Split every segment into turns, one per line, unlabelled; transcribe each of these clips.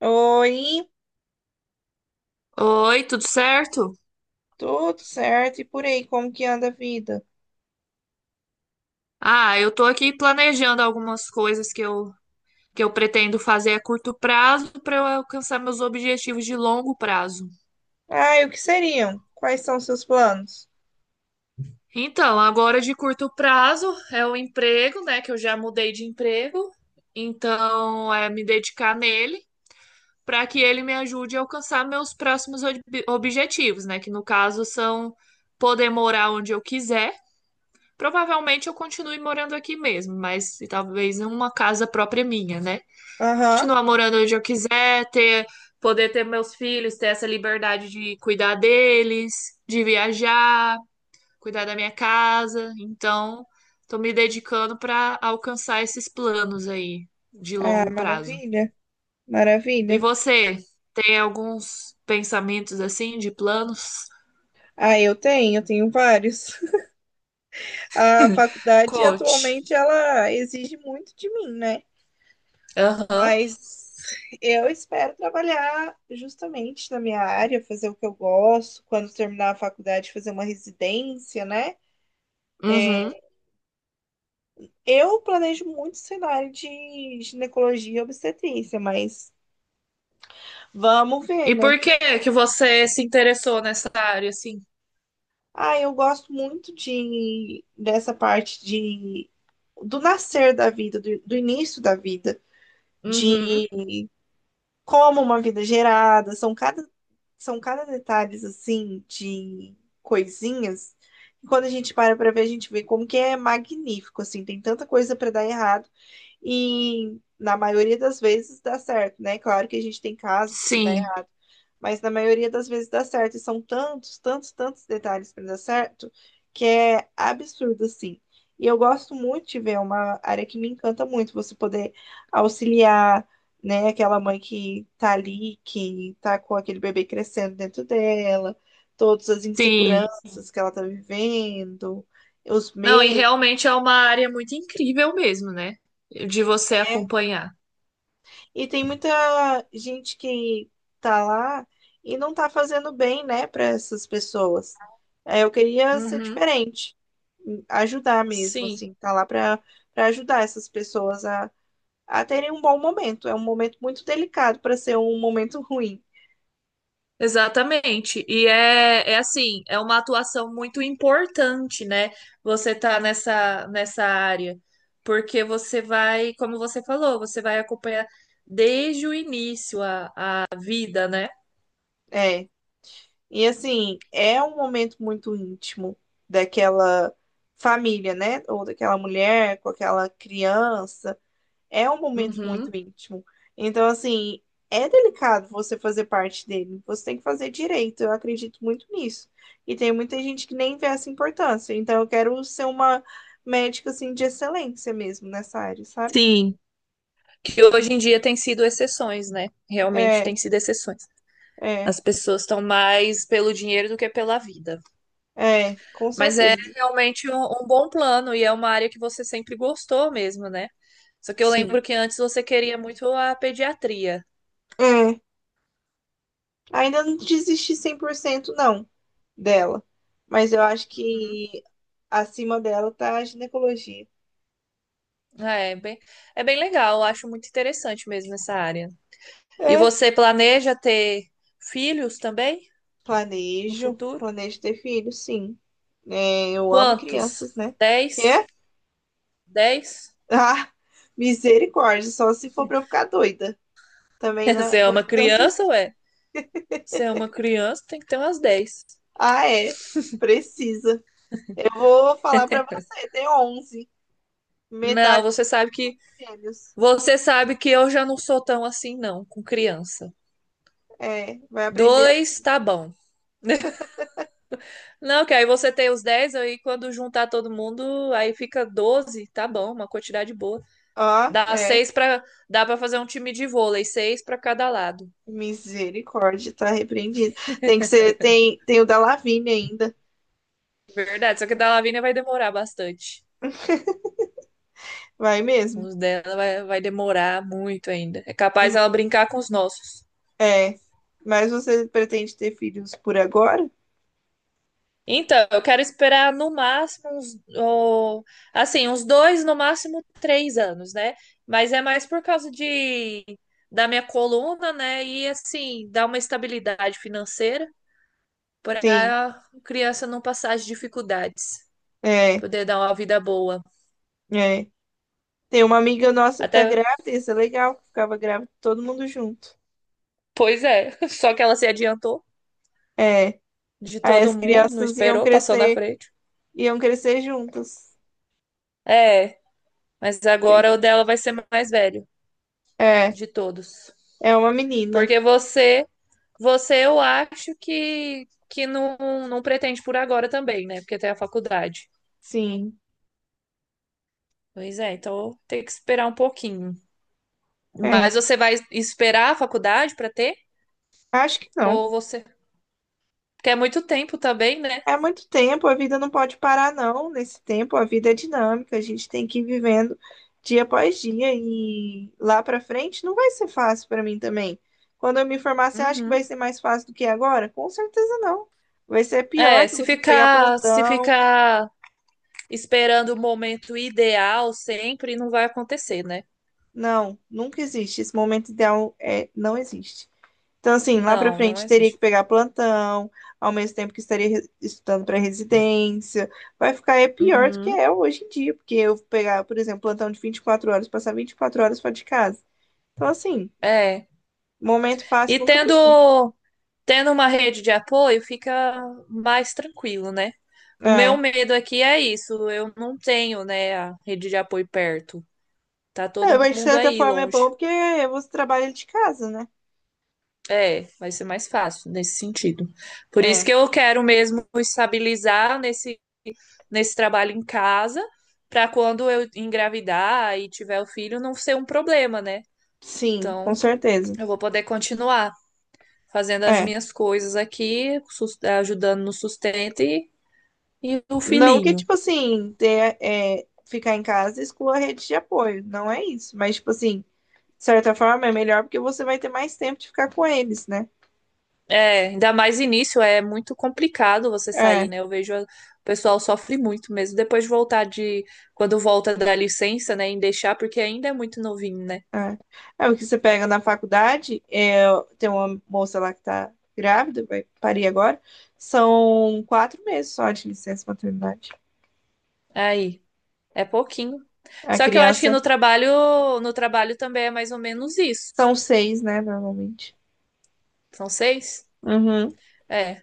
Oi,
Oi, tudo certo?
tudo certo? E por aí, como que anda a vida?
Ah, eu tô aqui planejando algumas coisas que eu pretendo fazer a curto prazo para eu alcançar meus objetivos de longo prazo.
Ah, e o que seriam? Quais são seus planos?
Então, agora de curto prazo é o emprego, né? Que eu já mudei de emprego. Então, é me dedicar nele para que ele me ajude a alcançar meus próximos objetivos, né? Que no caso são poder morar onde eu quiser. Provavelmente eu continue morando aqui mesmo, mas talvez em uma casa própria minha, né?
Aham.
Continuar morando onde eu quiser, ter, poder ter meus filhos, ter essa liberdade de cuidar deles, de viajar, cuidar da minha casa. Então, estou me dedicando para alcançar esses planos aí de
Ah,
longo prazo.
maravilha,
E
maravilha.
você, tem alguns pensamentos assim de planos?
Ah, eu tenho vários. A faculdade
Coach.
atualmente ela exige muito de mim, né?
Aham.
Mas eu espero trabalhar justamente na minha área, fazer o que eu gosto, quando terminar a faculdade, fazer uma residência, né? É,
Uhum.
Eu planejo muito cenário de ginecologia e obstetrícia, mas vamos ver,
E
né?
por
Que-
que que você se interessou nessa área assim?
ah, eu gosto muito de dessa parte de do nascer da vida, do início da vida, de
Uhum.
como uma vida é gerada, são cada detalhes assim de coisinhas. E quando a gente para para ver, a gente vê como que é magnífico, assim, tem tanta coisa para dar errado. E na maioria das vezes dá certo, né? Claro que a gente tem casos que dá
Sim,
errado, mas na maioria das vezes dá certo. E são tantos, tantos, tantos detalhes para dar certo que é absurdo, assim. E eu gosto muito de ver, é uma área que me encanta muito, você poder auxiliar, né, aquela mãe que tá ali, que tá com aquele bebê crescendo dentro dela, todas as
sim.
inseguranças que ela tá vivendo, os
Não, e
medos.
realmente é uma área muito incrível mesmo, né? De você
Né?
acompanhar.
E tem muita gente que tá lá e não tá fazendo bem, né, para essas pessoas. É, eu queria ser
Uhum,
diferente, ajudar mesmo,
sim,
assim, tá lá para ajudar essas pessoas a terem um bom momento. É um momento muito delicado para ser um momento ruim.
exatamente. É assim, é uma atuação muito importante, né? Você tá nessa área. Porque você vai, como você falou, você vai acompanhar desde o início a vida, né?
É. E assim, é um momento muito íntimo daquela família, né? Ou daquela mulher com aquela criança. É um momento muito
Uhum,
íntimo. Então, assim, é delicado você fazer parte dele. Você tem que fazer direito. Eu acredito muito nisso. E tem muita gente que nem vê essa importância. Então, eu quero ser uma médica, assim, de excelência mesmo nessa área, sabe?
sim. Que hoje em dia tem sido exceções, né? Realmente
É,
tem sido exceções.
é,
As pessoas estão mais pelo dinheiro do que pela vida.
é, com
Mas é
certeza.
realmente um bom plano e é uma área que você sempre gostou mesmo, né? Só que eu
Sim.
lembro que antes você queria muito a pediatria.
É. Ainda não desisti 100% não dela. Mas eu acho
Uhum.
que acima dela tá a ginecologia.
É, bem, é bem legal, eu acho muito interessante mesmo essa área. E
É.
você planeja ter filhos também no
Planejo,
futuro?
planejo ter filho, sim. É, eu amo
Quantos?
crianças, né?
10?
Quê?
10?
Ah, misericórdia, só se for pra eu ficar doida. Também não, é,
Você é
não
uma
é
criança,
tantos.
ué? Você é uma criança, tem que ter umas 10.
Ah, é. Precisa. Eu vou falar pra você, tem 11,
Não,
metade
você sabe que
de gêmeos.
você sabe que eu já não sou tão assim, não, com criança.
É, vai aprender
Dois,
assim.
tá bom. Não, que aí você tem os 10, aí quando juntar todo mundo, aí fica 12, tá bom, uma quantidade boa.
Ó
Dá
é.
seis para Dá para fazer um time de vôlei, seis para cada lado.
Misericórdia, tá repreendido. Tem que ser, tem, tem o da Lavínia ainda.
Verdade, só que a da Lavínia vai demorar bastante.
Vai mesmo.
Uns dela vai demorar muito ainda. É capaz
Hum.
ela brincar com os nossos.
É. Mas você pretende ter filhos por agora?
Então, eu quero esperar no máximo uns, ó, assim, uns dois, no máximo 3 anos, né? Mas é mais por causa de da minha coluna, né? E assim, dar uma estabilidade financeira para
Sim.
a criança não passar as dificuldades,
É,
poder dar uma vida boa.
é. Tem uma amiga nossa que tá
Até,
grávida, isso é legal, que ficava grávida todo mundo junto.
pois é, só que ela se adiantou
É.
de
Aí
todo
as
mundo, não
crianças
esperou, passou na frente.
iam crescer juntas.
É, mas agora o
Bem,
dela vai ser mais velho
é,
de todos.
é uma menina.
Porque você eu acho que não pretende por agora também, né? Porque tem a faculdade.
Sim.
Pois é, então tem que esperar um pouquinho. Mas
É.
você vai esperar a faculdade para ter?
Acho que não.
Ou você. Porque é muito tempo também, né?
É muito tempo, a vida não pode parar, não. Nesse tempo, a vida é dinâmica, a gente tem que ir vivendo dia após dia e lá pra frente não vai ser fácil pra mim também. Quando eu me formar, você acha que vai
Uhum.
ser mais fácil do que agora? Com certeza não. Vai ser pior
É,
que eu
se
vou ter que pegar
ficar, se
plantão.
ficar esperando o momento ideal sempre, não vai acontecer, né?
Não, nunca existe. Esse momento ideal é, não existe. Então, assim, lá para
Não, não
frente teria que
existe.
pegar plantão, ao mesmo tempo que estaria estudando para residência. Vai ficar é pior do que
Uhum.
é hoje em dia, porque eu pegar, por exemplo, plantão de 24 horas, passar 24 horas fora de casa. Então, assim,
É.
momento fácil
E
nunca vai ter.
tendo, tendo uma rede de apoio, fica mais tranquilo, né? O meu
É.
medo aqui é isso, eu não tenho, né, a rede de apoio perto. Tá
É,
todo
mas de
mundo
certa
aí
forma é bom
longe.
porque você trabalha de casa, né?
É, vai ser mais fácil nesse sentido. Por isso
É,
que eu quero mesmo estabilizar nesse trabalho em casa, para quando eu engravidar e tiver o filho não ser um problema, né?
sim, com
Então,
certeza.
eu vou poder continuar fazendo as
É.
minhas coisas aqui, ajudando no sustento e o
Não que,
filhinho.
tipo assim, ter, é, ficar em casa exclua a rede de apoio, não é isso. Mas, tipo assim, de certa forma, é melhor porque você vai ter mais tempo de ficar com eles, né?
É, ainda mais início, é muito complicado você sair,
É,
né? Eu vejo o pessoal sofre muito mesmo. Depois de voltar de, quando volta da licença, né, em deixar, porque ainda é muito novinho, né?
é. É o que você pega na faculdade, é, tem uma moça lá que tá grávida, vai parir agora, são 4 meses só de licença maternidade.
Aí, é pouquinho.
A
Só que eu acho que
criança
no trabalho também é mais ou menos isso.
são seis, né, normalmente.
São seis?
Uhum.
É.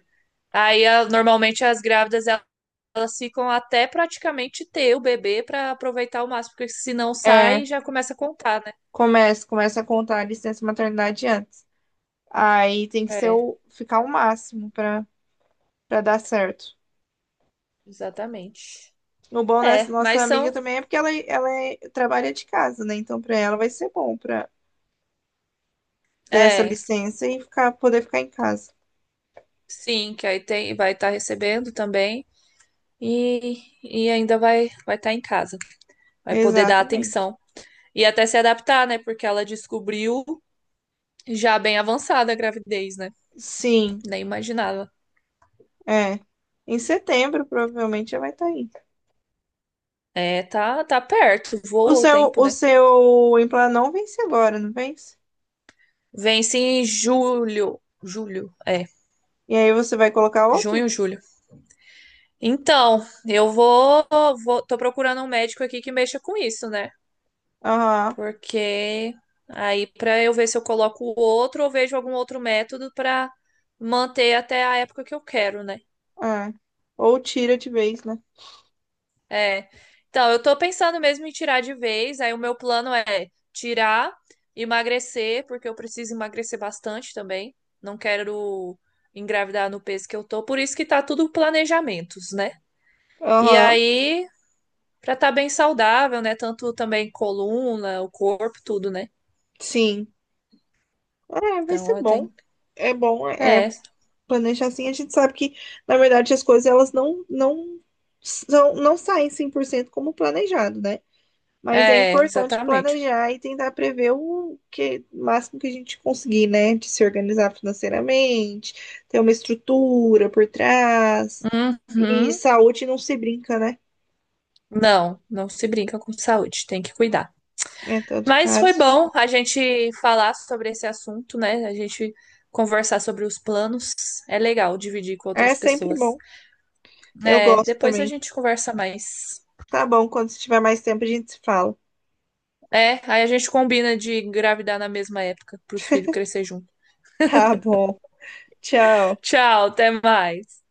Aí, normalmente as grávidas, elas ficam até praticamente ter o bebê para aproveitar o máximo, porque se não sai,
É,
já começa a contar, né?
começa a contar a licença maternidade antes. Aí tem que ser
É,
o, ficar o máximo para para dar certo.
exatamente.
O bom dessa
É,
nossa
mas
amiga
são.
também é porque ela trabalha de casa, né? Então, pra ela vai ser bom pra ter essa
É.
licença e ficar, poder ficar em casa.
Sim, que aí tem, vai estar recebendo também e ainda vai estar em casa, vai poder dar
Exatamente.
atenção e até se adaptar, né? Porque ela descobriu já bem avançada a gravidez, né?
Sim,
Nem imaginava.
é. Em setembro, provavelmente, ela vai estar aí.
É, tá perto,
O
voa o
seu,
tempo,
o
né?
seu implante não vence agora, não vence?
Vence em julho, julho, é,
E aí você vai colocar outro?
junho, julho. Então, eu vou, tô procurando um médico aqui que mexa com isso, né?
Aham,
Porque aí para eu ver se eu coloco o outro ou vejo algum outro método para manter até a época que eu quero, né?
é. Ou tira de vez, né?
É. Então, eu tô pensando mesmo em tirar de vez. Aí o meu plano é tirar, emagrecer, porque eu preciso emagrecer bastante também. Não quero engravidar no peso que eu tô, por isso que tá tudo planejamentos, né? E
Aham,
aí, pra estar tá bem saudável, né? Tanto também coluna, o corpo, tudo, né?
sim. É, vai
Então,
ser
eu
bom.
tenho.
É bom, é
É,
planejar assim, a gente sabe que, na verdade, as coisas elas não são, não saem 100% como planejado, né? Mas é
é,
importante
exatamente.
planejar e tentar prever o que, o máximo que a gente conseguir, né? De se organizar financeiramente, ter uma estrutura por trás. E
Uhum.
saúde não se brinca, né?
Não, não se brinca com saúde, tem que cuidar.
Em todo
Mas foi
caso.
bom a gente falar sobre esse assunto, né? A gente conversar sobre os planos. É legal dividir com
É
outras
sempre
pessoas.
bom. Eu
É,
gosto
depois a
também.
gente conversa mais.
Tá bom, quando se tiver mais tempo a gente se fala.
É, aí a gente combina de engravidar na mesma época para os filhos crescer junto.
Tá bom. Tchau.
Tchau, até mais.